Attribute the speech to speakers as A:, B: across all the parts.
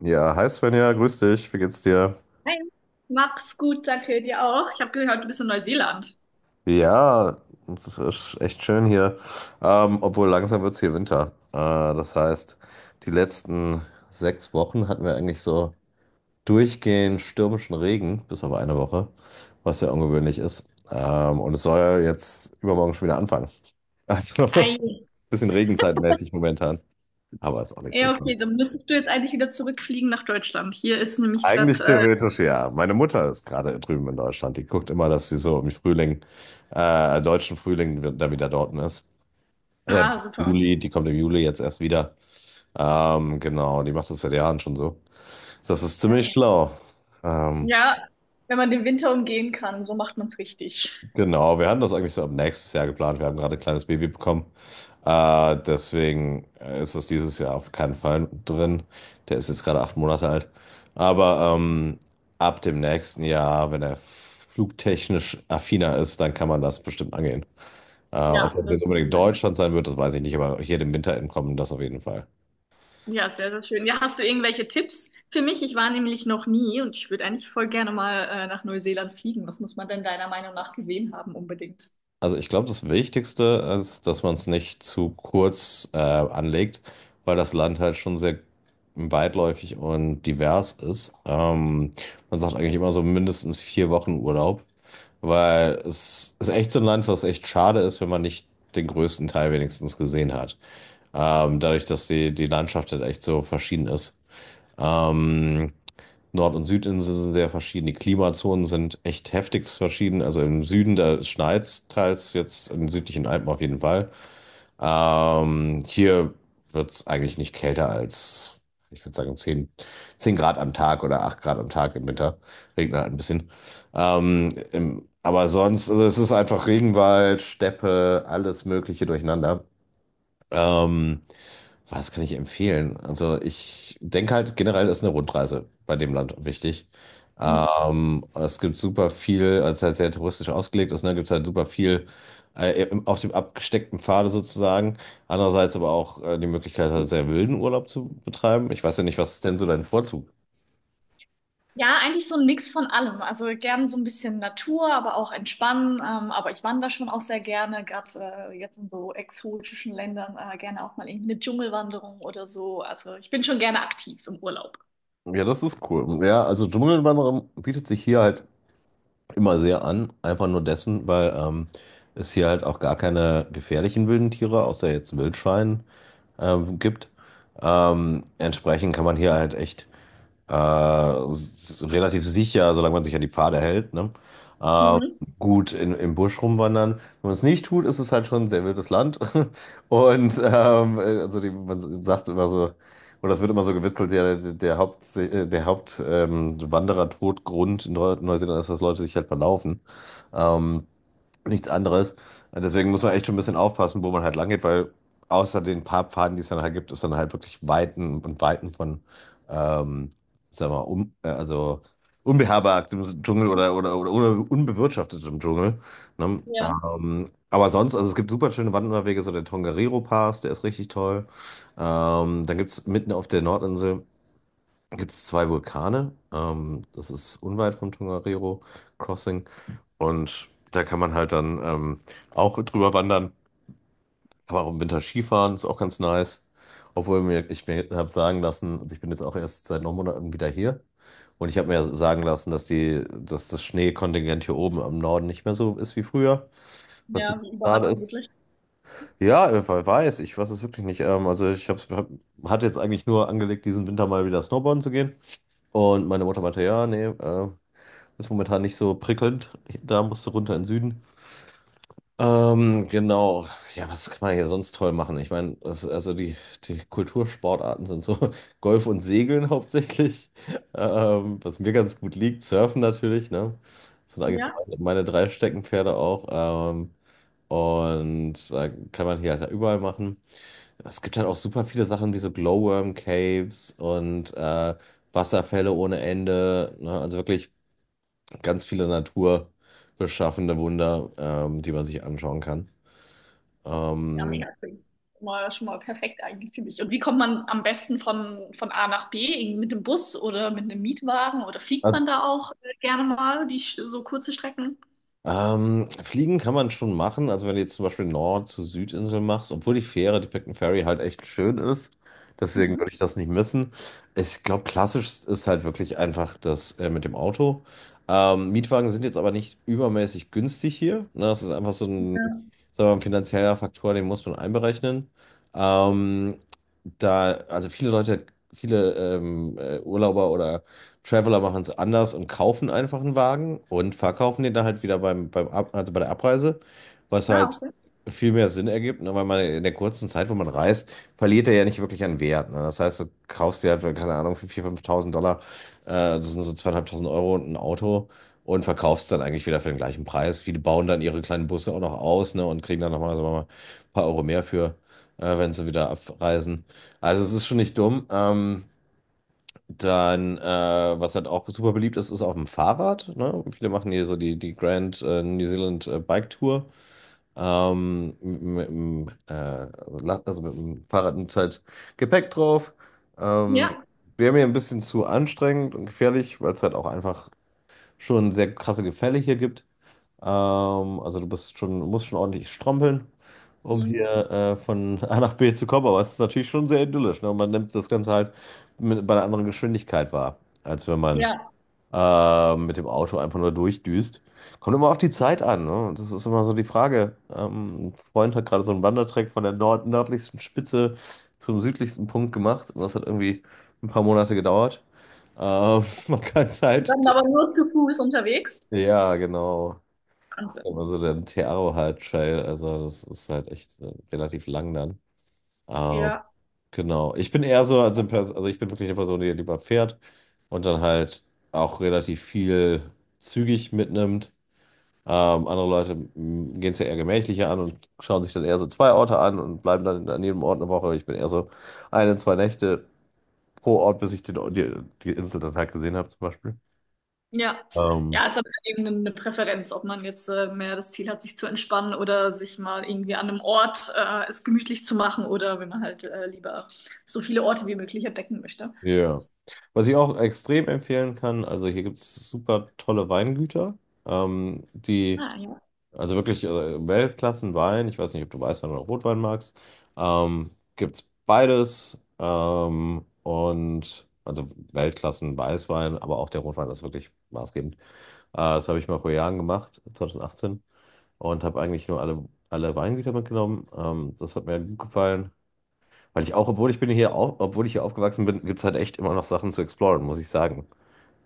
A: Ja, hi Svenja, grüß dich, wie geht's dir?
B: Hi. Mach's gut, danke dir auch. Ich habe gehört, du bist in Neuseeland.
A: Ja, es ist echt schön hier. Obwohl langsam wird's hier Winter. Das heißt, die letzten 6 Wochen hatten wir eigentlich so durchgehend stürmischen Regen, bis auf eine Woche, was sehr ungewöhnlich ist. Und es soll ja jetzt übermorgen schon wieder anfangen. Also,
B: Ei.
A: bisschen regenzeitmäßig momentan, aber ist auch nicht so.
B: Ja, okay, dann müsstest du jetzt eigentlich wieder zurückfliegen nach Deutschland. Hier ist nämlich
A: Eigentlich
B: gerade. Äh,
A: theoretisch ja. Meine Mutter ist gerade drüben in Deutschland. Die guckt immer, dass sie so im Frühling, deutschen Frühling, da wieder dort ist. Ja,
B: ah, super.
A: Juli, die kommt im Juli jetzt erst wieder. Genau, die macht das seit Jahren schon so. Das ist ziemlich
B: Okay.
A: schlau. Ähm,
B: Ja, wenn man den Winter umgehen kann, so macht man's richtig.
A: Genau, wir hatten das eigentlich so ab nächstes Jahr geplant. Wir haben gerade ein kleines Baby bekommen. Deswegen ist das dieses Jahr auf keinen Fall drin. Der ist jetzt gerade 8 Monate alt. Aber ab dem nächsten Jahr, wenn er flugtechnisch affiner ist, dann kann man das bestimmt angehen. Ob
B: Ja,
A: das
B: das
A: jetzt
B: ist
A: unbedingt
B: mein.
A: Deutschland sein wird, das weiß ich nicht, aber hier dem Winter entkommen, das auf jeden Fall.
B: Ja, sehr, sehr schön. Ja, hast du irgendwelche Tipps für mich? Ich war nämlich noch nie und ich würde eigentlich voll gerne mal nach Neuseeland fliegen. Was muss man denn deiner Meinung nach gesehen haben unbedingt?
A: Also ich glaube, das Wichtigste ist, dass man es nicht zu kurz anlegt, weil das Land halt schon sehr weitläufig und divers ist. Man sagt eigentlich immer so mindestens 4 Wochen Urlaub, weil es ist echt so ein Land, was echt schade ist, wenn man nicht den größten Teil wenigstens gesehen hat. Dadurch, dass die Landschaft halt echt so verschieden ist. Ähm, Nord- und Südinsel sind sehr verschieden. Die Klimazonen sind echt heftigst verschieden. Also im Süden, da schneit's teils jetzt in den südlichen Alpen auf jeden Fall. Hier wird's eigentlich nicht kälter als, ich würde sagen, zehn Grad am Tag oder 8 Grad am Tag im Winter. Regnet halt ein bisschen. Aber sonst, also es ist einfach Regenwald, Steppe, alles Mögliche durcheinander. Ähm, was kann ich empfehlen? Also ich denke halt generell ist eine Rundreise bei dem Land wichtig.
B: Mhm.
A: Es gibt super viel, als es halt sehr touristisch ausgelegt ist, ne, gibt es halt super viel auf dem abgesteckten Pfade sozusagen. Andererseits aber auch die Möglichkeit, halt sehr wilden Urlaub zu betreiben. Ich weiß ja nicht, was ist denn so dein Vorzug?
B: Ja, eigentlich so ein Mix von allem. Also gern so ein bisschen Natur, aber auch entspannen. Aber ich wandere schon auch sehr gerne, gerade jetzt in so exotischen Ländern, gerne auch mal irgendwie eine Dschungelwanderung oder so. Also ich bin schon gerne aktiv im Urlaub.
A: Ja, das ist cool. Ja, also Dschungelwanderung bietet sich hier halt immer sehr an, einfach nur dessen, weil es hier halt auch gar keine gefährlichen wilden Tiere, außer jetzt Wildschwein, gibt. Entsprechend kann man hier halt echt relativ sicher, solange man sich an die Pfade hält, ne? Ähm,
B: Mhm.
A: gut im Busch rumwandern. Wenn man es nicht tut, ist es halt schon ein sehr wildes Land. Man sagt immer so, oder es wird immer so gewitzelt, ja, der Haupt- Wanderer-Todgrund in Neuseeland ist, dass Leute sich halt verlaufen. Ähm, nichts anderes. Deswegen muss man echt schon ein bisschen aufpassen, wo man halt lang geht, weil außer den paar Pfaden, die es dann halt gibt, ist dann halt wirklich Weiten und Weiten von, ähm, sagen wir mal, also unbeherbergtem Dschungel oder unbewirtschaftetem Dschungel. Ne?
B: Ja,
A: Aber sonst, also es gibt super schöne Wanderwege, so der Tongariro Pass, der ist richtig toll. Dann gibt es mitten auf der Nordinsel gibt's zwei Vulkane. Das ist unweit vom Tongariro Crossing. Und da kann man halt dann auch drüber wandern. Kann man auch im Winter Skifahren, ist auch ganz nice. Obwohl mir, ich mir habe sagen lassen, also ich bin jetzt auch erst seit 9 Monaten wieder hier. Und ich habe mir sagen lassen, dass das Schneekontingent hier oben am Norden nicht mehr so ist wie früher, was ein
B: ja, wie
A: bisschen
B: überall
A: schade ist.
B: vermutlich.
A: Ja, weiß ich, weiß es wirklich nicht. Also ich hatte jetzt eigentlich nur angelegt, diesen Winter mal wieder Snowboarden zu gehen. Und meine Mutter meinte, ja, nee, ist momentan nicht so prickelnd. Da musst du runter in den Süden. Genau. Ja, was kann man hier sonst toll machen? Ich meine, die Kultursportarten sind so Golf und Segeln hauptsächlich, was mir ganz gut liegt. Surfen natürlich, ne? Das sind eigentlich so
B: Ja.
A: meine drei Steckenpferde auch. Ähm, und da kann man hier halt überall machen. Es gibt halt auch super viele Sachen wie so Glowworm Caves und Wasserfälle ohne Ende. Ne? Also wirklich ganz viele naturbeschaffende Wunder, die man sich anschauen kann.
B: Ja,
A: Ähm,
B: mega cool. Schon mal, schon mal perfekt eigentlich für mich. Und wie kommt man am besten von A nach B? Irgendwie mit dem Bus oder mit einem Mietwagen? Oder fliegt man
A: als,
B: da auch gerne mal die so kurze Strecken?
A: Fliegen kann man schon machen. Also wenn du jetzt zum Beispiel Nord- zu Südinsel machst, obwohl die Fähre, die Picton Ferry halt echt schön ist. Deswegen
B: Mhm.
A: würde ich das nicht missen. Ich glaube, klassisch ist halt wirklich einfach das mit dem Auto. Mietwagen sind jetzt aber nicht übermäßig günstig hier. Ne? Das ist einfach so
B: Ja.
A: ein, sagen wir mal, ein finanzieller Faktor, den muss man einberechnen. Ähm, da, also viele Leute, Viele Urlauber oder Traveler machen es anders und kaufen einfach einen Wagen und verkaufen den dann halt wieder beim, also bei der Abreise, was
B: Ah,
A: halt
B: okay.
A: viel mehr Sinn ergibt, ne? Weil man in der kurzen Zeit, wo man reist, verliert er ja nicht wirklich an Wert. Ne? Das heißt, du kaufst dir halt, für, keine Ahnung, für 4.000, 5.000 Dollar, das sind so 2.500 Euro und ein Auto und verkaufst dann eigentlich wieder für den gleichen Preis. Viele bauen dann ihre kleinen Busse auch noch aus, ne? Und kriegen dann nochmal, sagen wir mal, ein paar Euro mehr für, wenn sie wieder abreisen. Also es ist schon nicht dumm. Dann, äh, was halt auch super beliebt ist, ist auf dem Fahrrad. Ne? Viele machen hier so die Grand New Zealand Bike Tour. Ähm, mit, mit, dem, äh, also mit dem Fahrrad mit halt Gepäck drauf. Ähm,
B: Ja.
A: Wäre mir ein bisschen zu anstrengend und gefährlich, weil es halt auch einfach schon sehr krasse Gefälle hier gibt. Also du bist schon, musst schon ordentlich strampeln um
B: Mhm.
A: hier von A nach B zu kommen. Aber es ist natürlich schon sehr idyllisch. Ne? Und man nimmt das Ganze halt mit, bei einer anderen Geschwindigkeit wahr, als wenn man
B: Ja.
A: mit dem Auto einfach nur durchdüst. Kommt immer auf die Zeit an. Ne? Das ist immer so die Frage. Ein Freund hat gerade so einen Wandertrack von der nord nördlichsten Spitze zum südlichsten Punkt gemacht. Und das hat irgendwie ein paar Monate gedauert. Man kann es halt.
B: Dann aber nur zu Fuß unterwegs.
A: Ja, genau.
B: Wahnsinn.
A: Also der Tearo halt Trail, also das ist halt echt relativ lang dann. Ähm,
B: Ja.
A: genau. Ich bin eher so, also ich bin wirklich eine Person, die lieber fährt und dann halt auch relativ viel zügig mitnimmt. Andere Leute gehen es ja eher gemächlicher an und schauen sich dann eher so zwei Orte an und bleiben dann an jedem Ort eine Woche. Ich bin eher so eine, zwei Nächte pro Ort, bis ich die Insel dann halt gesehen habe, zum Beispiel.
B: Ja.
A: Ähm,
B: Ja, es hat eben eine Präferenz, ob man jetzt mehr das Ziel hat, sich zu entspannen oder sich mal irgendwie an einem Ort es gemütlich zu machen, oder wenn man halt lieber so viele Orte wie möglich entdecken möchte.
A: ja. Was ich auch extrem empfehlen kann, also hier gibt es super tolle Weingüter, die
B: Ah, ja.
A: Also wirklich Weltklassenwein. Ich weiß nicht, ob du Weißwein oder Rotwein magst. Ähm, gibt's beides. Und also Weltklassen Weißwein, aber auch der Rotwein ist wirklich maßgebend. Das habe ich mal vor Jahren gemacht, 2018, und habe eigentlich nur alle Weingüter mitgenommen. Das hat mir gut gefallen. Weil ich auch, obwohl ich hier aufgewachsen bin, gibt's halt echt immer noch Sachen zu exploren, muss ich sagen.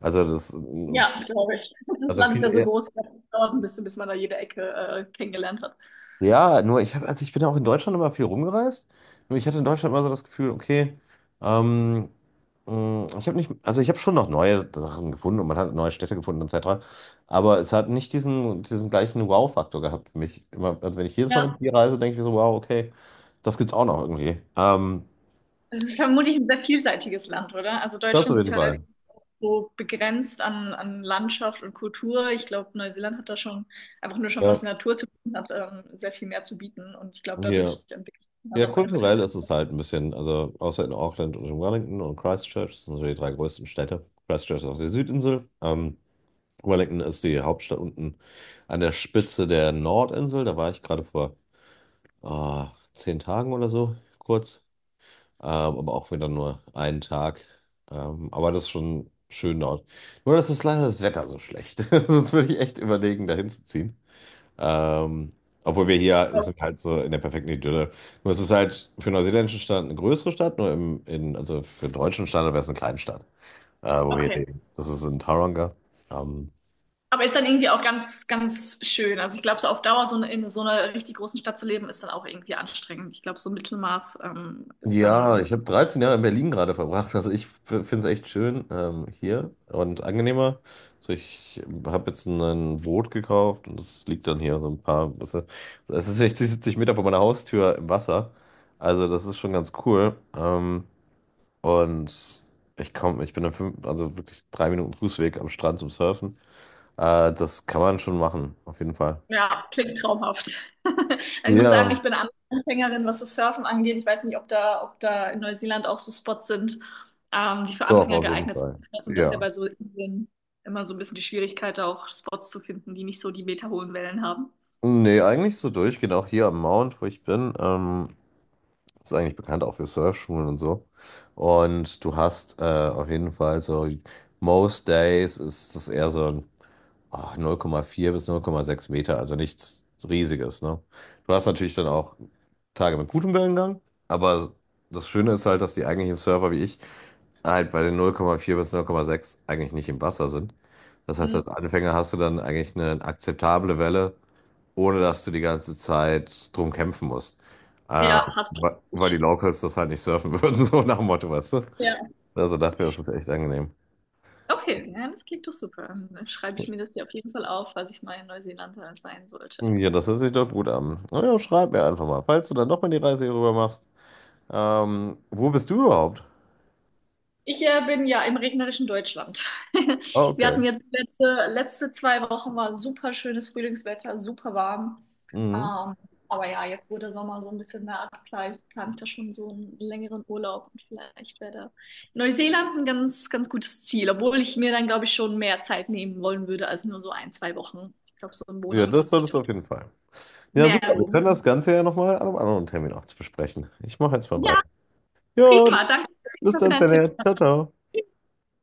A: Also das,
B: Ja, das glaube ich. Das ist-
A: also
B: Land ist ja so
A: viel,
B: groß, das dauert ein bisschen, bis man da jede Ecke kennengelernt hat.
A: Ja, nur ich habe, also ich bin auch in Deutschland immer viel rumgereist. Nur ich hatte in Deutschland immer so das Gefühl, okay, ähm, mh, ich habe nicht, also ich habe schon noch neue Sachen gefunden und man hat neue Städte gefunden etc. Aber es hat nicht diesen gleichen Wow-Faktor gehabt für mich. Immer, also wenn ich jedes Mal
B: Ja,
A: mit dir reise, denke ich mir so, wow, okay, das gibt's auch noch irgendwie. Ähm,
B: es ist vermutlich ein sehr vielseitiges Land, oder? Also
A: das auf
B: Deutschland ist
A: jeden
B: halt
A: Fall.
B: so begrenzt an, an Landschaft und Kultur. Ich glaube, Neuseeland hat da schon einfach nur schon, was
A: Ja.
B: die Natur zu bieten hat, sehr viel mehr zu bieten. Und ich glaube,
A: Ja.
B: dadurch entwickelt man
A: Ja,
B: halt auch ganz,
A: kulturell
B: ganz.
A: ist es halt ein bisschen, also außer in Auckland und in Wellington und Christchurch, das sind so die drei größten Städte. Christchurch ist auf der Südinsel. Wellington ist die Hauptstadt unten an der Spitze der Nordinsel. Da war ich gerade vor ah, 10 Tagen oder so, kurz. Ähm, aber auch wieder nur einen Tag. Aber das ist schon schön dort. Nur, dass ist leider das Wetter so schlecht. Sonst würde ich echt überlegen, dahin zu ziehen. Ähm, obwohl wir hier sind halt so in der perfekten Idylle. Nur es ist halt für einen neuseeländischen Standard eine größere Stadt, nur also für den deutschen Standard wäre es eine Kleinstadt, wo wir
B: Okay.
A: leben. Das ist in Tauranga. Ähm,
B: Aber ist dann irgendwie auch ganz, ganz schön. Also ich glaube, so auf Dauer so eine, in so einer richtig großen Stadt zu leben, ist dann auch irgendwie anstrengend. Ich glaube, so ein Mittelmaß ist
A: Ja,
B: dann.
A: ich habe 13 Jahre in Berlin gerade verbracht. Also ich finde es echt schön hier und angenehmer. Also ich habe jetzt ein Boot gekauft und es liegt dann hier so ein paar, weißt du, es ist 60, 70 Meter vor meiner Haustür im Wasser. Also das ist schon ganz cool. Und Ich bin dann fünf, also wirklich drei Minuten Fußweg am Strand zum Surfen. Das kann man schon machen, auf jeden Fall.
B: Ja, klingt traumhaft. Also ich muss sagen,
A: Ja,
B: ich bin Anfängerin, was das Surfen angeht. Ich weiß nicht, ob da in Neuseeland auch so Spots sind, die für
A: doch,
B: Anfänger
A: auf jeden
B: geeignet
A: Fall.
B: sind. Und das ist ja
A: Ja.
B: bei so Inseln immer so ein bisschen die Schwierigkeit, auch Spots zu finden, die nicht so die meterhohen Wellen haben.
A: Nee, eigentlich so durchgehend, auch hier am Mount, wo ich bin. Ist eigentlich bekannt auch für Surfschulen und so. Und du hast auf jeden Fall so, most days ist das eher so ein, 0,4 bis 0,6 Meter, also nichts Riesiges, ne? Du hast natürlich dann auch Tage mit gutem Wellengang, aber das Schöne ist halt, dass die eigentlichen Surfer wie ich halt bei den 0,4 bis 0,6 eigentlich nicht im Wasser sind. Das heißt, als
B: Mhm.
A: Anfänger hast du dann eigentlich eine akzeptable Welle, ohne dass du die ganze Zeit drum kämpfen musst. Äh,
B: Ja, hast du.
A: Weil die
B: Richtig.
A: Locals das halt nicht surfen würden, so nach dem Motto, weißt du?
B: Ja.
A: Also dafür ist es echt angenehm.
B: Okay, ja, das klingt doch super. Dann schreibe ich mir das hier auf jeden Fall auf, falls ich mal in Neuseeland sein sollte.
A: Ja, das hört sich doch gut an. Na ja, schreib mir einfach mal, falls du dann doch mal die Reise hier rüber machst. Wo bist du überhaupt?
B: Ich bin ja im regnerischen Deutschland.
A: Ah,
B: Wir
A: okay.
B: hatten jetzt letzte 2 Wochen war super schönes Frühlingswetter, super warm.
A: Mhm.
B: Ähm, aber ja, jetzt wo der Sommer so ein bisschen naht, vielleicht plane ich da schon so einen längeren Urlaub, und vielleicht wäre Neuseeland ein ganz, ganz gutes Ziel, obwohl ich mir dann, glaube ich, schon mehr Zeit nehmen wollen würde als nur so ein, zwei Wochen. Ich glaube, so einen
A: Ja,
B: Monat
A: das
B: wird sich
A: solltest
B: dann
A: du auf jeden Fall. Ja,
B: mehr
A: super. Wir können
B: lohnen.
A: das Ganze ja nochmal an einem anderen Termin auch besprechen. Ich mache jetzt mal
B: Ja,
A: weiter. Jo,
B: prima. Danke
A: bis
B: für
A: dann,
B: deinen Tipp.
A: Sven. Ciao, ciao.